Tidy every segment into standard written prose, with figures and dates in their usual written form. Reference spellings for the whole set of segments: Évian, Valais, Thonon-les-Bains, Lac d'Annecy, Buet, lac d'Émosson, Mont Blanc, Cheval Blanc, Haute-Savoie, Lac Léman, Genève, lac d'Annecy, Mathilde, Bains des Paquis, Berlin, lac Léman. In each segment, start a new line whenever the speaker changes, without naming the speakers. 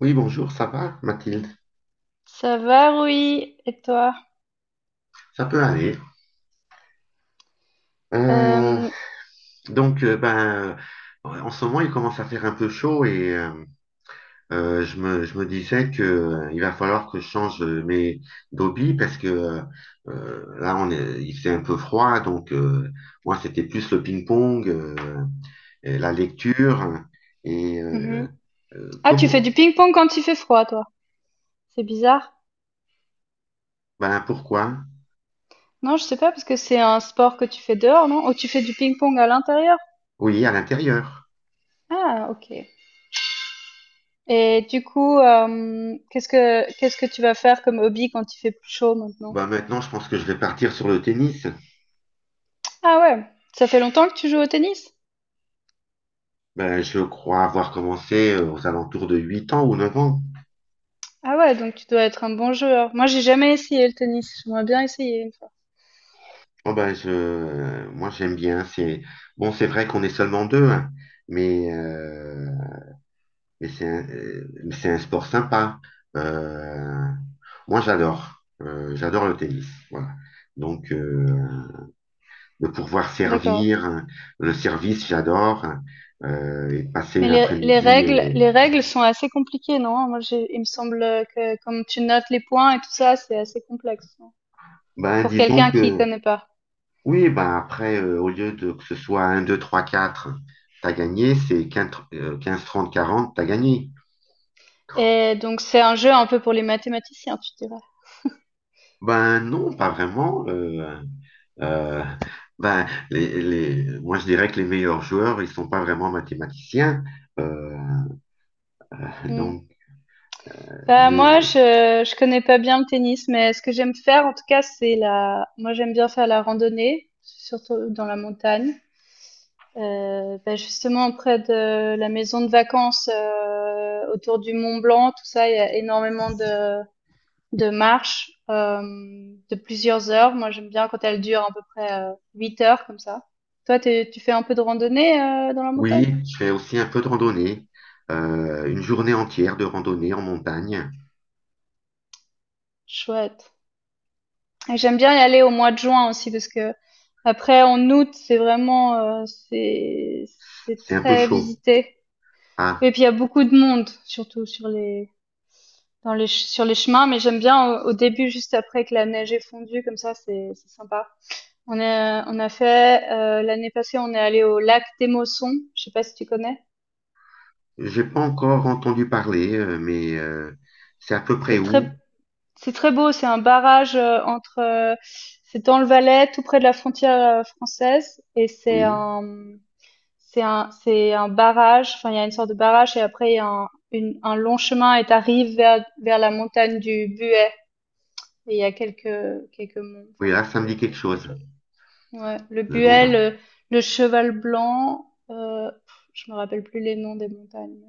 Oui, bonjour, ça va, Mathilde?
Ça va, oui. Et toi?
Ça peut aller. Euh,
Euh,
donc, ben, en ce moment, il commence à faire un peu chaud et je me disais que il va falloir que je change mes d'hobby parce que là, il fait un peu froid, donc moi, c'était plus le ping-pong, et la lecture et
mhm. Ah, tu fais
comment?
du ping-pong quand il fait froid, toi. C'est bizarre.
Ben, pourquoi?
Non, je sais pas parce que c'est un sport que tu fais dehors, non? Ou tu fais du ping-pong à l'intérieur?
Oui, à l'intérieur.
Ah, ok. Et du coup, qu'est-ce que tu vas faire comme hobby quand il fait plus chaud maintenant?
Ben, maintenant, je pense que je vais partir sur le tennis.
Ah ouais. Ça fait longtemps que tu joues au tennis?
Ben, je crois avoir commencé aux alentours de 8 ans ou 9 ans.
Ah ouais, donc tu dois être un bon joueur. Moi, j'ai jamais essayé le tennis. J'aimerais bien essayer une fois.
Oh, ben, moi, j'aime bien. Bon, c'est vrai qu'on est seulement deux, hein, mais, euh, mais c'est un sport sympa. Euh, moi, j'adore. J'adore le tennis. Voilà. Donc, de pouvoir
D'accord.
servir, hein, le service, j'adore, hein, et passer
Mais
une
les
après-midi.
règles, les règles sont assez compliquées, non? Moi, il me semble que comme tu notes les points et tout ça, c'est assez complexe non
Ben,
pour
disons
quelqu'un qui
que.
connaît pas.
Oui, ben après, au lieu de que ce soit un 2 3 4 t'as gagné, c'est 15 15, 30, 40, t'as gagné.
Et donc, c'est un jeu un peu pour les mathématiciens, tu dirais.
Ben non, pas vraiment. Euh, ben, moi, je dirais que les meilleurs joueurs, ils sont pas vraiment mathématiciens. euh,
Hmm.
donc,
Bah, moi,
mais
je, je connais pas bien le tennis, mais ce que j'aime faire, en tout cas, moi, j'aime bien faire la randonnée, surtout dans la montagne. Bah, justement, près de la maison de vacances, autour du Mont Blanc, tout ça, il y a énormément de marche de plusieurs heures. Moi, j'aime bien quand elle dure à peu près 8 heures comme ça. Toi, tu fais un peu de randonnée dans la montagne?
oui, je fais aussi un peu de randonnée. Une journée entière de randonnée en montagne.
Chouette. Et j'aime bien y aller au mois de juin aussi parce que après en août, c'est vraiment c'est
C'est un peu
très
chaud.
visité.
Ah,
Et puis il y a beaucoup de monde surtout sur les sur les chemins, mais j'aime bien au début juste après que la neige est fondue comme ça, c'est sympa. On a fait l'année passée, on est allé au lac d'Émosson. Je sais pas si tu connais.
j'ai pas encore entendu parler, mais c'est à peu près
C'est très,
où?
c'est très beau. C'est un barrage c'est dans le Valais, tout près de la frontière française, et
Oui.
c'est un barrage. Enfin, il y a une sorte de barrage, et après il y a un long chemin, et t'arrives vers la montagne du Buet. Et il y a quelques monts.
Oui,
Enfin,
là, ça me
c'est
dit quelque
c'est c'est
chose,
joli. Ouais,
le nom d'un.
Le Cheval Blanc. Pff, je me rappelle plus les noms des montagnes.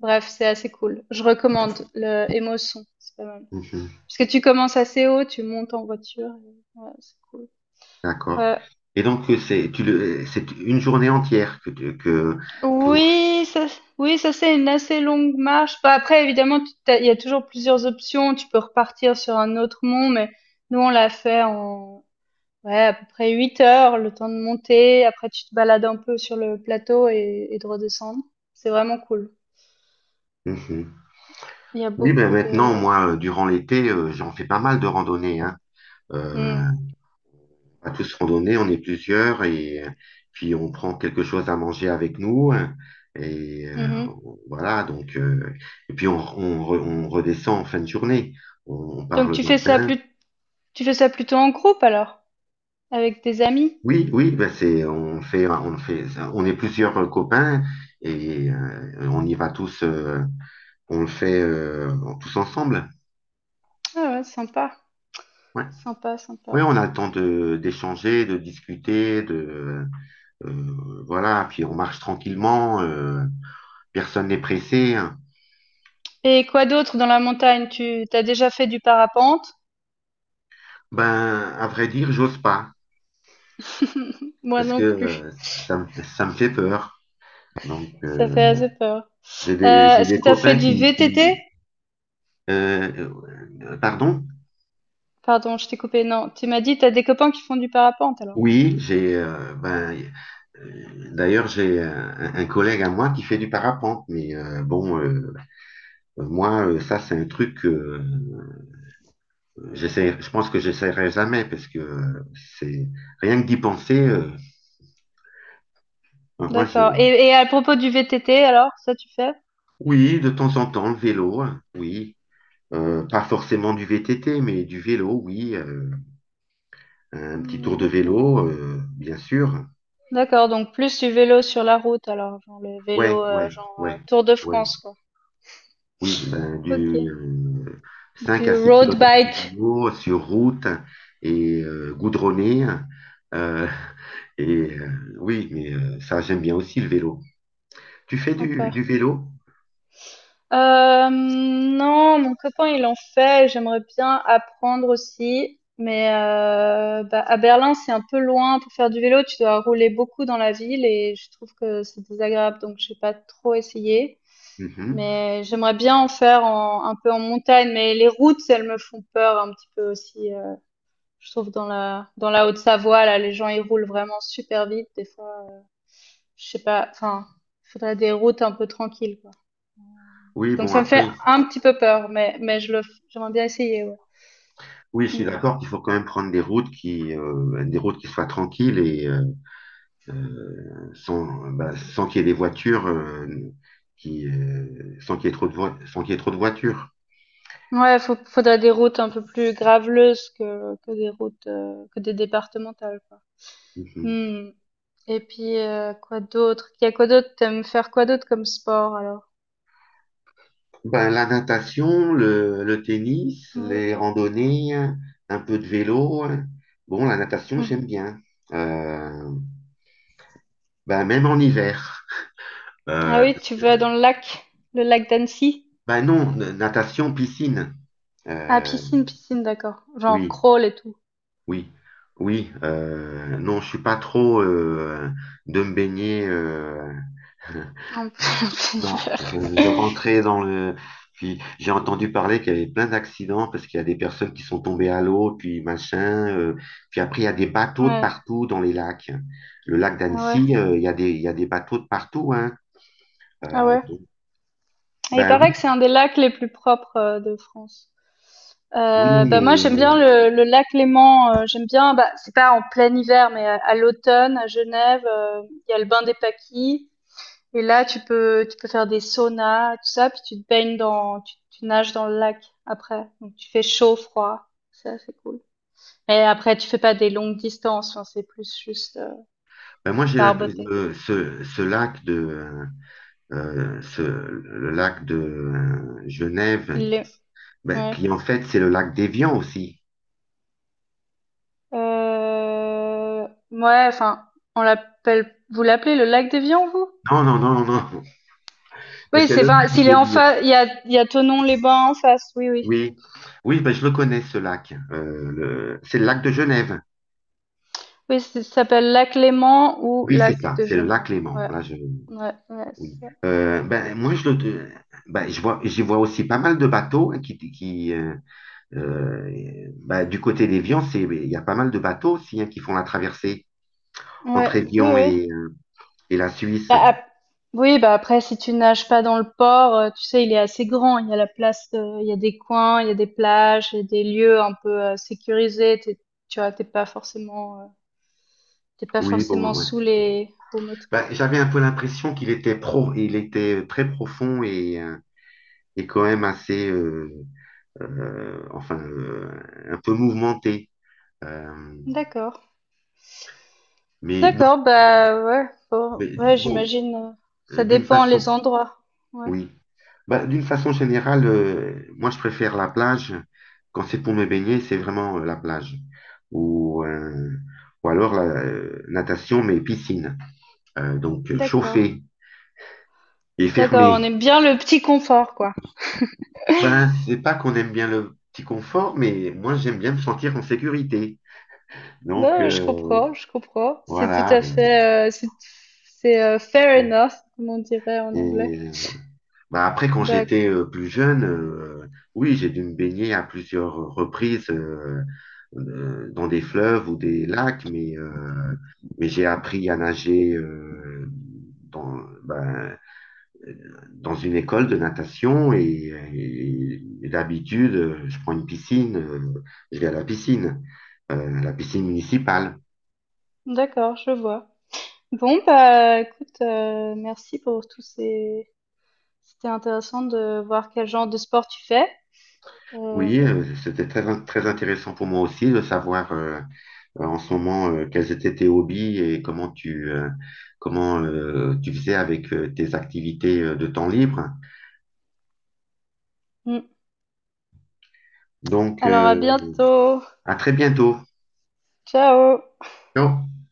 Bref, c'est assez cool. Je recommande le Émotion, c'est pas mal.
Mhm.
Parce que tu commences assez haut, tu montes en voiture, et ouais, c'est cool.
D'accord.
Ouais.
Et donc, c'est une journée entière que vous...
Oui, ça, oui, ça c'est une assez longue marche. Bah, après, évidemment, il y a toujours plusieurs options. Tu peux repartir sur un autre mont, mais nous on l'a fait en ouais, à peu près 8 heures, le temps de monter. Après, tu te balades un peu sur le plateau et de redescendre. C'est vraiment cool.
Mhm.
Il y a
Oui, ben
beaucoup de...
maintenant, moi, durant l'été, j'en fais pas mal de randonnées, hein. Euh,
Hmm.
on va tous randonner, on est plusieurs, et puis on prend quelque chose à manger avec nous, hein. Et
Mhm.
voilà, donc, et puis on redescend en fin de journée. On, on part
Donc
le
tu fais ça
matin.
plus Tu fais ça plutôt en groupe alors, avec tes amis?
Oui, oui, on est plusieurs copains et on y va tous, on le fait tous ensemble.
Ah ouais,
Ouais.
sympa.
Oui, on a le temps de d'échanger, de discuter, de voilà, puis on marche tranquillement, personne n'est pressé, hein.
Et quoi d'autre dans la montagne? Tu t'as déjà fait du parapente?
Ben, à vrai dire, j'ose pas
Moi
parce que
non plus,
ça me fait peur. Donc,
ça fait assez peur.
j'ai des, j'ai
Est-ce
des
que t'as fait
copains
du
qui,
VTT?
euh, pardon?
Pardon, je t'ai coupé. Non, tu m'as dit t'as des copains qui font du parapente alors.
Oui, j'ai d'ailleurs j'ai un collègue à moi qui fait du parapente, mais bon moi ça c'est un truc que je pense que j'essaierai jamais parce que c'est rien que d'y penser. Ben, moi je,
D'accord. Et à propos du VTT alors, ça tu fais?
oui, de temps en temps le vélo, hein, oui. Pas forcément du VTT mais du vélo, oui, un petit
Hmm,
tour de
d'accord.
vélo, bien sûr.
D'accord, donc plus du vélo sur la route alors, genre le vélo
Ouais, ouais, ouais,
Tour de
ouais.
France quoi.
Oui, ben, du
Ok.
5 à
Du
6
road
kilomètres de
bike,
vélo sur route et goudronné. euh, et oui, mais ça, j'aime bien aussi le vélo. Tu fais du
sympa.
vélo?
Non, mon copain il en fait, j'aimerais bien apprendre aussi, mais bah, à Berlin c'est un peu loin pour faire du vélo, tu dois rouler beaucoup dans la ville et je trouve que c'est désagréable donc j'ai pas trop essayé,
Mhm.
mais j'aimerais bien en faire un peu en montagne, mais les routes elles me font peur un petit peu aussi, je trouve dans la Haute-Savoie là les gens ils roulent vraiment super vite des fois je sais pas, enfin, il faudrait des routes un peu tranquilles, quoi.
Oui,
Donc
bon,
ça me fait
après,
un petit peu peur, mais j'aimerais bien essayer, ouais.
oui, je suis d'accord
Mm.
qu'il faut quand même prendre des routes qui soient tranquilles et sans, bah, sans qu'il y ait des voitures, sans qu'il y ait trop de voi- sans qu'il y ait trop de voitures.
Ouais, faudrait des routes un peu plus graveleuses que des routes, que des départementales, quoi.
Mhm.
Mm. Et puis, quoi d'autre? Il y a quoi d'autre? T'aimes faire quoi d'autre comme sport, alors?
Ben, la natation, le tennis,
Ouais.
les randonnées, un peu de vélo, hein. Bon, la natation,
Mm.
j'aime bien. Euh, ben, même en hiver.
Ah
Euh,
oui, tu vas dans le lac d'Annecy?
ben non, natation, piscine.
Ah,
Euh,
piscine, d'accord. Genre
oui,
crawl et tout.
oui, oui. Non, je suis pas trop de me baigner.
En plein
Non,
hiver.
je rentrais dans le. Puis j'ai entendu parler qu'il y avait plein d'accidents parce qu'il y a des personnes qui sont tombées à l'eau, puis machin. Puis après, il y a des bateaux de
Ouais.
partout dans les lacs. Le lac
Ah ouais.
d'Annecy, il y a des bateaux de partout, hein.
Ah
Euh,
ouais.
donc,
Et il
ben
paraît
oui,
que c'est un des lacs les plus propres de France.
oui,
Bah
mais
moi j'aime bien le lac Léman, j'aime bien, bah, c'est pas en plein hiver, mais à l'automne à Genève, il y a le bain des paquis, et là tu peux faire des saunas, tout ça, puis tu te baignes dans, tu nages dans le lac après, donc tu fais chaud, froid, ça c'est cool. Et après tu fais pas des longues distances, hein, c'est plus juste
ben moi j'ai l'impression
barboter.
ce lac de le lac de Genève,
Il est-
ben,
ouais.
qui en fait c'est le lac d'Évian aussi.
Euh, ouais, enfin, vous l'appelez le lac des Vians, vous?
Non, non, non, non, non. Mais
Oui,
c'est
c'est,
le
enfin,
même,
s'il
je
est
veux
en
dire.
face, il y a Thonon-les-Bains en face, oui.
Oui, oui, ben, je le connais ce lac. C'est le lac de Genève.
Oui, ça s'appelle lac Léman ou
Oui,
lac
c'est ça,
de
c'est le lac
Genève.
Léman.
Ouais,
Là, je...
ouais,
Oui.
c'est ça.
Ben, moi, je le... ben, j'y vois aussi pas mal de bateaux, hein, qui ben, du côté d'Évian, il y a pas mal de bateaux aussi, hein, qui font la traversée entre
Ouais,
Évian
oui.
et la Suisse.
Bah, ap- oui, bah après, si tu nages pas dans le port, tu sais, il est assez grand. Il y a la place, il y a des coins, il y a des plages, il y a des lieux un peu sécurisés. Tu vois, t'es pas
Oui, bon,
forcément
ouais.
sous les roues
Ben,
motrices.
j'avais un peu l'impression qu'il était il était très profond et quand même assez, enfin, un peu mouvementé. Euh,
D'accord.
mais donc,
D'accord, bah ouais, ouais,
bon,
j'imagine, ça
d'une
dépend les
façon,
endroits. Ouais,
oui. Bah, d'une façon générale, moi je préfère la plage. Quand c'est pour me baigner, c'est vraiment la plage. Ou, euh, ou alors la natation, mais piscine. Donc,
d'accord.
chauffée et
D'accord, on
fermée.
aime bien le petit confort, quoi.
Ben, c'est pas qu'on aime bien le petit confort, mais moi j'aime bien me sentir en sécurité. Donc
Non, je comprends, je comprends. C'est tout
voilà.
à fait, c'est, fair
Euh,
enough, comme on dirait en anglais.
Et bah après, quand
Bah,
j'étais plus jeune, oui, j'ai dû me baigner à plusieurs reprises dans des fleuves ou des lacs, mais j'ai appris à nager ben, dans une école de natation et d'habitude, je vais à la piscine municipale.
d'accord, je vois. Bon, bah écoute, merci pour tous ces... C'était intéressant de voir quel genre de sport tu fais.
Oui,
Euh,
c'était très, très intéressant pour moi aussi de savoir. En ce moment, quels étaient tes hobbies et comment comment, tu faisais avec tes activités de temps libre.
mm.
Donc,
Alors à bientôt.
à très bientôt.
Ciao.
Ciao.